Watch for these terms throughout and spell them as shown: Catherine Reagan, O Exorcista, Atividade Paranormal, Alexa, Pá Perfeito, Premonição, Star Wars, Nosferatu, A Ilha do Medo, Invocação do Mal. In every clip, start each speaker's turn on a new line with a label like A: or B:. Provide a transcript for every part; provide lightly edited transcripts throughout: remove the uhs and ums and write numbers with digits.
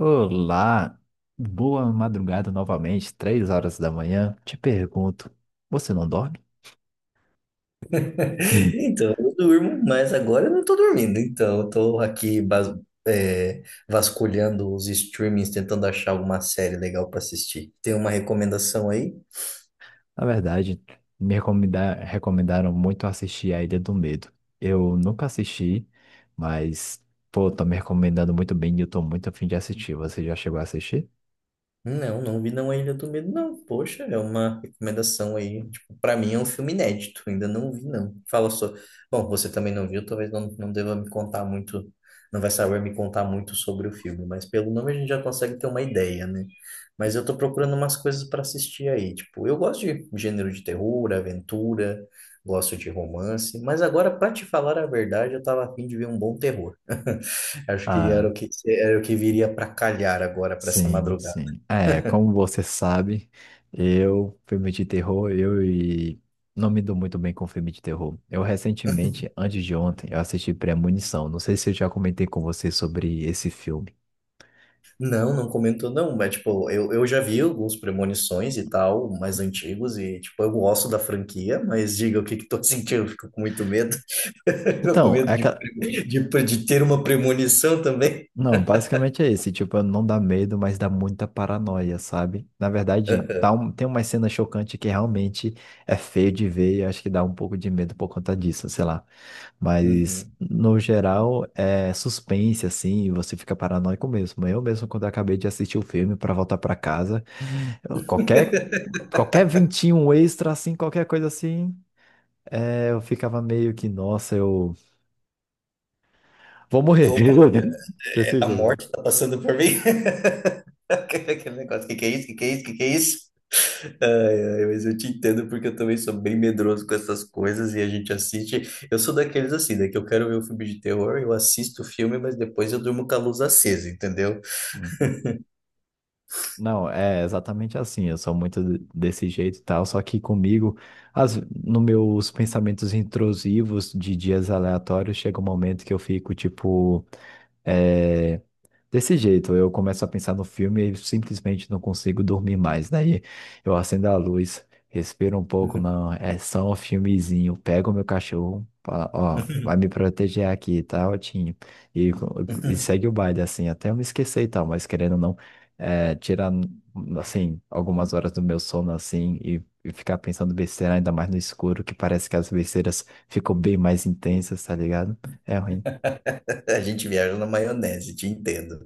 A: Olá, boa madrugada novamente, 3 horas da manhã. Te pergunto, você não dorme? Hum.
B: Então, eu durmo, mas agora eu não tô dormindo. Então, eu tô aqui é, vasculhando os streamings, tentando achar alguma série legal para assistir. Tem uma recomendação aí?
A: Na verdade, recomendaram muito assistir A Ilha do Medo. Eu nunca assisti, mas, pô, tô me recomendando muito bem e eu tô muito afim de assistir. Você já chegou a assistir?
B: Não, não vi não A Ilha do Medo, não. Poxa, é uma recomendação aí. Tipo, para mim é um filme inédito, ainda não vi não. Fala só. Bom, você também não viu, talvez não, não deva me contar muito, não vai saber me contar muito sobre o filme, mas pelo nome a gente já consegue ter uma ideia, né? Mas eu tô procurando umas coisas para assistir aí. Tipo, eu gosto de gênero de terror, aventura, gosto de romance, mas agora, para te falar a verdade, eu tava a fim de ver um bom terror. Acho que era o
A: Ah.
B: que, era o que viria para calhar agora, para essa
A: Sim,
B: madrugada.
A: sim. É, como você sabe, eu, filme de terror, eu e não me dou muito bem com filme de terror. Eu recentemente, antes de ontem, eu assisti Premonição. Não sei se eu já comentei com você sobre esse filme.
B: Não, não comentou não, mas tipo, eu já vi alguns premonições e tal, mais antigos, e tipo, eu gosto da franquia, mas diga o que que tô sentindo, eu fico com muito medo, eu com
A: Então,
B: medo
A: é
B: de,
A: aquela...
B: de, de ter uma premonição também.
A: Não, basicamente é esse, tipo, não dá medo, mas dá muita paranoia, sabe? Na verdade, tem uma cena chocante que realmente é feio de ver e acho que dá um pouco de medo por conta disso, sei lá. Mas,
B: Uhum.
A: no geral, é suspense, assim, e você fica paranoico mesmo. Eu mesmo, quando eu acabei de assistir o filme para voltar para casa, eu- qualquer, qualquer ventinho extra, assim, qualquer coisa assim, eu ficava meio que, nossa, eu vou morrer.
B: Opa, é,
A: Desse
B: a
A: jeito.
B: morte tá passando por mim? Aquele negócio, o que que é isso? O que que é isso? O que que é isso? Ai, ai, mas eu te entendo porque eu também sou bem medroso com essas coisas e a gente assiste. Eu sou daqueles assim, né? Que eu quero ver um filme de terror, eu assisto o filme, mas depois eu durmo com a luz acesa, entendeu?
A: Uhum. Não, é exatamente assim. Eu sou desse jeito e tal, só que comigo, as, no meus pensamentos intrusivos de dias aleatórios, chega um momento que eu fico, tipo. é, Desse jeito, eu começo a pensar no filme e simplesmente não consigo dormir mais. Daí eu acendo a luz, respiro um pouco, não, é só um filmezinho. Pego meu cachorro, fala, ó, vai me proteger aqui, tá, Otinho? E, e segue o baile, assim, até eu me esquecer e tal, mas querendo ou não, é, tirar, assim, algumas horas do meu sono, assim, e ficar pensando besteira, ainda mais no escuro, que parece que as besteiras ficam bem mais intensas, tá ligado? É ruim.
B: A gente viaja na maionese, te entendo.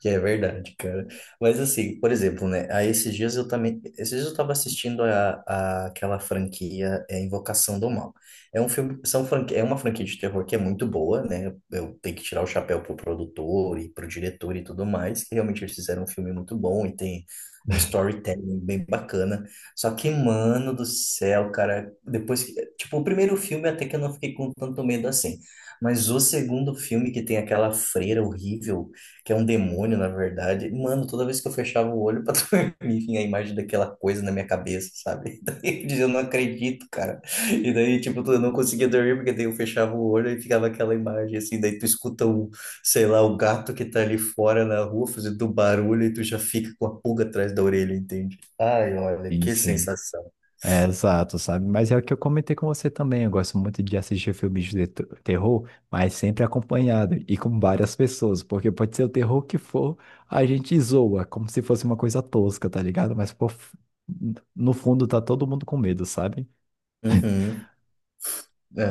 B: Que é verdade, cara. Mas assim, por exemplo, né? Aí esses dias eu também. Esses dias eu tava assistindo aquela franquia Invocação do Mal. É um filme. É uma franquia de terror que é muito boa, né? Eu tenho que tirar o chapéu pro produtor e pro diretor e tudo mais, que realmente eles fizeram um filme muito bom e tem um storytelling bem bacana. Só que, mano do céu, cara, depois que. Tipo, o primeiro filme até que eu não fiquei com tanto medo assim. Mas o segundo filme que tem aquela freira horrível, que é um demônio, na verdade, mano, toda vez que eu fechava o olho pra dormir, vinha a imagem daquela coisa na minha cabeça, sabe? Daí eu dizia, eu não acredito, cara. E daí, tipo, eu não conseguia dormir, porque daí eu fechava o olho e ficava aquela imagem, assim, daí tu escuta um, sei lá, o gato que tá ali fora na rua fazendo barulho e tu já fica com a pulga atrás da orelha, entende? Ai, olha,
A: Sim,
B: que
A: sim.
B: sensação.
A: É, exato, sabe? Mas é o que eu comentei com você também. Eu gosto muito de assistir filmes de terror, mas sempre acompanhado e com várias pessoas, porque pode ser o terror que for, a gente zoa, como se fosse uma coisa tosca, tá ligado? No fundo tá todo mundo com medo, sabe?
B: Uhum. É,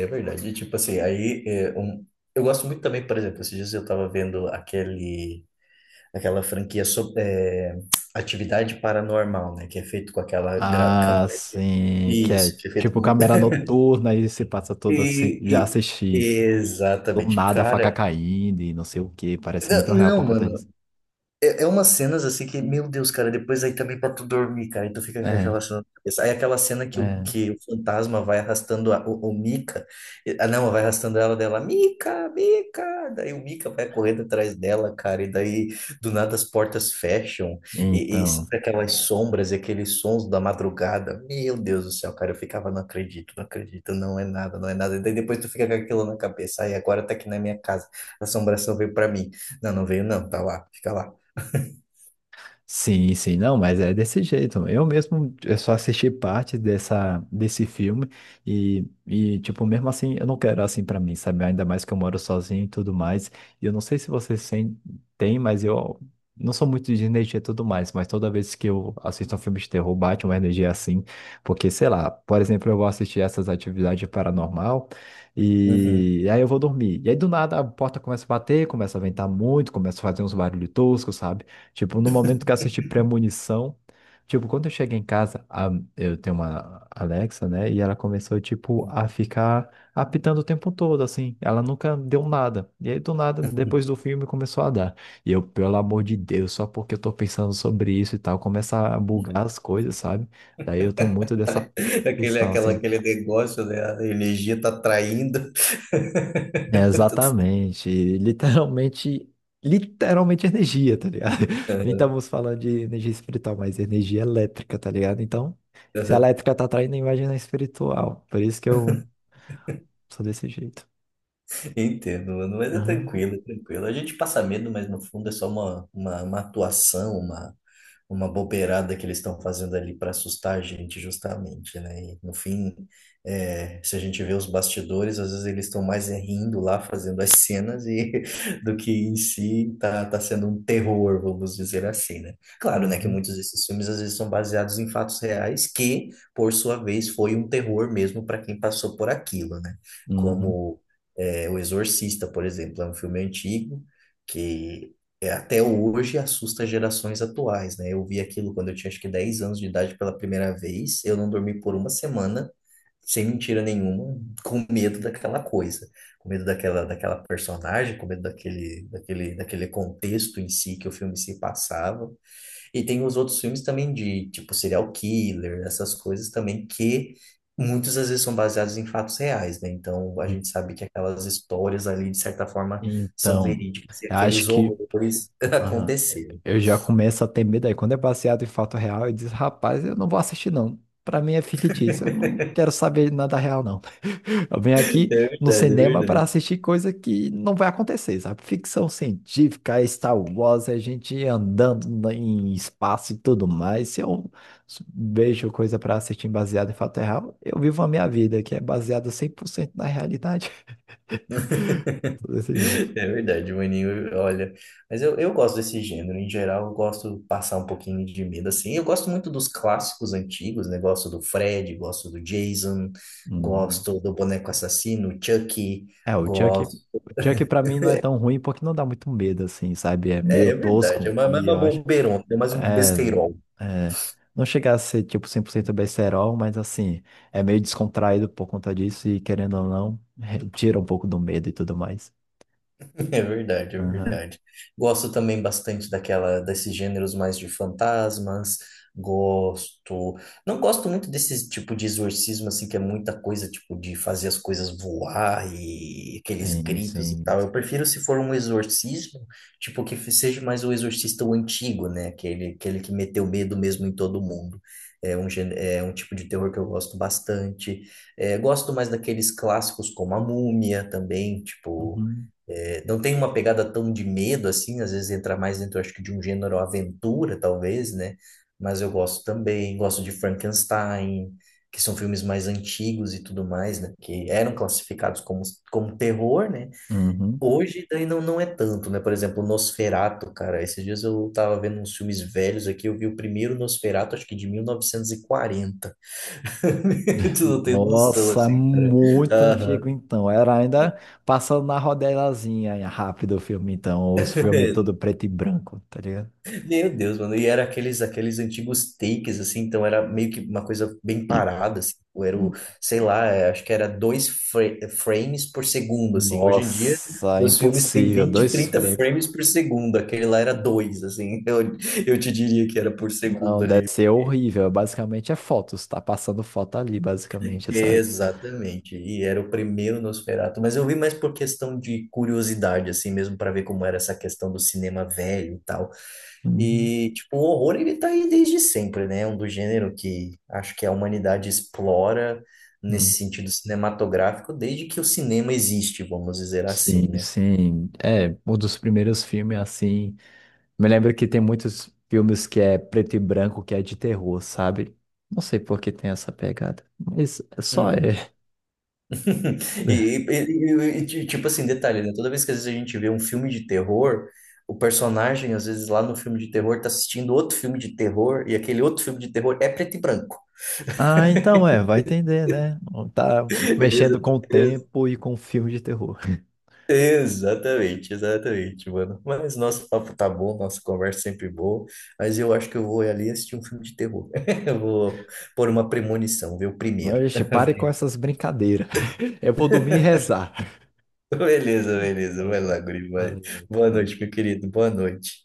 B: é verdade. E, tipo assim, eu gosto muito também, por exemplo, esses dias eu tava vendo aquela franquia sobre, Atividade Paranormal, né? Que é feito com aquela
A: Ah,
B: câmera aqui.
A: sim, que é
B: Isso, que é feito.
A: tipo câmera noturna e se passa todo assim. Já
B: E,
A: assisti. Do
B: exatamente,
A: nada a faca
B: cara.
A: caindo e não sei o que, parece muito real
B: Não,
A: por conta
B: mano.
A: disso.
B: É, é umas cenas assim que, meu Deus, cara, depois aí também pra tu dormir, cara, e tu fica com
A: É,
B: aquela cena na cabeça. Aí aquela cena
A: é.
B: que o fantasma vai arrastando o Mika, ah não, vai arrastando ela dela, Mika, Mika, daí o Mika vai correndo atrás dela, cara, e daí do nada as portas fecham, e
A: Então.
B: sempre aquelas sombras e aqueles sons da madrugada, meu Deus do céu, cara, eu ficava, não acredito, não acredito, não é nada, não é nada, e daí depois tu fica com aquilo na cabeça, aí agora tá aqui na minha casa, a assombração veio pra mim, não, não veio não, tá lá, fica lá.
A: Sim, sim, não, mas é desse jeito. Eu mesmo eu só assisti parte dessa, desse filme e, tipo, mesmo assim, eu não quero assim pra mim, sabe? Ainda mais que eu moro sozinho e tudo mais. E eu não sei se você tem, mas eu não sou muito de energia e tudo mais. Mas toda vez que eu assisto um filme de terror, bate uma energia assim. Porque, sei lá, por exemplo, eu vou assistir essas atividades paranormal
B: Uhum.
A: e aí eu vou dormir. E aí do nada a porta começa a bater, começa a ventar muito, começa a fazer uns barulhos toscos, sabe? Tipo, no momento que eu assisti Premonição, tipo, quando eu cheguei em casa, eu tenho uma Alexa, né? E ela começou, tipo, a ficar apitando o tempo todo, assim. Ela nunca deu nada. E aí, do nada, depois do filme, começou a dar. E eu, pelo amor de Deus, só porque eu tô pensando sobre isso e tal, começa a bugar as coisas, sabe? Daí eu tenho muito dessa
B: Aquele,
A: questão,
B: aquela,
A: assim.
B: aquele negócio, né? A energia tá traindo.
A: É, exatamente. Literalmente, literalmente energia, tá ligado? Nem estamos falando de energia espiritual, mas energia elétrica, tá ligado? Então, se a elétrica tá atraindo, imagina a espiritual. Por isso que eu sou desse jeito.
B: Entendo, mano. Mas é
A: Aham.
B: tranquilo, é tranquilo. A gente passa medo, mas no fundo é só uma atuação, uma bobeirada que eles estão fazendo ali para assustar a gente, justamente, né? E, no fim, se a gente vê os bastidores, às vezes eles estão mais é rindo lá, fazendo as cenas, e do que em si tá, tá sendo um terror, vamos dizer assim, né? Claro, né, que
A: Uhum.
B: muitos desses filmes às vezes são baseados em fatos reais, que, por sua vez, foi um terror mesmo para quem passou por aquilo, né?
A: Uhum.
B: Como é, O Exorcista, por exemplo, é um filme antigo que até hoje assusta gerações atuais, né? Eu vi aquilo quando eu tinha acho que 10 anos de idade pela primeira vez, eu não dormi por uma semana, sem mentira nenhuma, com medo daquela coisa, com medo daquela personagem, com medo daquele contexto em si que o filme se passava. E tem os outros filmes também de, tipo, serial killer, essas coisas também que muitas às vezes são baseados em fatos reais, né? Então a gente sabe que aquelas histórias ali, de certa forma, são
A: Então,
B: verídicas e
A: eu acho
B: aqueles
A: que
B: horrores
A: aham,
B: aconteceram.
A: eu já começo a ter medo aí. Quando é baseado em fato real, eu diz rapaz, eu não vou assistir, não. Pra mim é fictício, eu não quero saber nada real, não. Eu venho
B: É
A: aqui no
B: verdade, é
A: cinema para
B: verdade.
A: assistir coisa que não vai acontecer, sabe? Ficção científica, é Star Wars, a gente andando em espaço e tudo mais. Se eu vejo coisa para assistir baseada em fato real, eu vivo a minha vida, que é baseada 100% na realidade. Desse jeito.
B: É verdade, maninho, olha. Mas eu gosto desse gênero, em geral, eu gosto de passar um pouquinho de medo, assim. Eu gosto muito dos clássicos antigos, né? Gosto do Fred, gosto do Jason,
A: Uhum.
B: gosto do Boneco Assassino, Chucky.
A: É, o Chuck para mim não é tão ruim porque não dá muito medo, assim, sabe? É
B: É,
A: meio
B: é verdade, é
A: tosco
B: mais
A: e
B: uma
A: eu acho
B: bobeirona, é mais um
A: é,
B: besteirol.
A: é, não chega a ser tipo 100% besterol, mas assim, é meio descontraído por conta disso e querendo ou não, tira um pouco do medo e tudo mais.
B: É verdade, é
A: Aham,
B: verdade. Gosto também bastante desses gêneros mais de fantasmas. Gosto. Não gosto muito desse tipo de exorcismo, assim, que é muita coisa, tipo, de fazer as coisas voar e aqueles
A: sim,
B: gritos e
A: sim.
B: tal. Eu prefiro se for um exorcismo, tipo, que seja mais o exorcista o antigo, né? Aquele que meteu medo mesmo em todo mundo. É um tipo de terror que eu gosto bastante. É, gosto mais daqueles clássicos como a Múmia também, tipo.
A: Uhum,
B: É, não tem uma pegada tão de medo assim, às vezes entra mais dentro, acho que de um gênero aventura, talvez, né? Mas eu gosto também, gosto de Frankenstein, que são filmes mais antigos e tudo mais, né? Que eram classificados como terror, né?
A: uhum.
B: Hoje daí não, não é tanto, né? Por exemplo, Nosferatu, cara. Esses dias eu tava vendo uns filmes velhos aqui, eu vi o primeiro Nosferatu, acho que de 1940. Tu não tem noção,
A: Nossa, é
B: assim, cara.
A: muito
B: Aham.
A: antigo então. Era ainda passando na rodelazinha rápido o filme então, os filmes todo preto e branco, tá ligado?
B: Meu Deus, mano. E era aqueles antigos takes, assim, então era meio que uma coisa bem parada, assim. Ou era o, sei lá, acho que era dois frames por segundo, assim. Hoje em dia,
A: Nossa,
B: os filmes têm
A: impossível,
B: 20
A: dois
B: 30
A: frames.
B: frames por segundo. Aquele lá era 2, assim. Eu te diria que era por segundo
A: Não, deve
B: ali.
A: ser horrível. Basicamente é fotos, tá passando foto ali, basicamente, sabe?
B: Exatamente. E era o primeiro Nosferatu, mas eu vi mais por questão de curiosidade, assim mesmo, para ver como era essa questão do cinema velho e tal.
A: Uhum.
B: E, tipo, o horror ele tá aí desde sempre, né? É um do gênero que acho que a humanidade explora
A: Hum.
B: nesse sentido cinematográfico desde que o cinema existe, vamos dizer assim,
A: Sim,
B: né?
A: sim. É, um dos primeiros filmes assim. Me lembro que tem muitos filmes que é preto e branco, que é de terror, sabe? Não sei por que tem essa pegada, mas é só
B: Uhum.
A: é.
B: E, tipo assim, detalhe, né? Toda vez que às vezes a gente vê um filme de terror, o personagem, às vezes lá no filme de terror, tá assistindo outro filme de terror, e aquele outro filme de terror é preto e branco.
A: Ah, então é, vai entender, né? Tá mexendo
B: Exa-
A: com o
B: ex-
A: tempo e com filme de terror.
B: Exatamente, exatamente, mano. Mas nosso papo tá bom, nossa conversa sempre boa, mas eu acho que eu vou ali assistir um filme de terror. Eu vou pôr uma premonição, ver o primeiro.
A: Oxe, pare com essas brincadeiras. Eu vou dormir e rezar.
B: Beleza, beleza, vai
A: Nossa,
B: lá, guri, vai.
A: valeu,
B: Boa
A: tchau.
B: noite, meu querido, boa noite.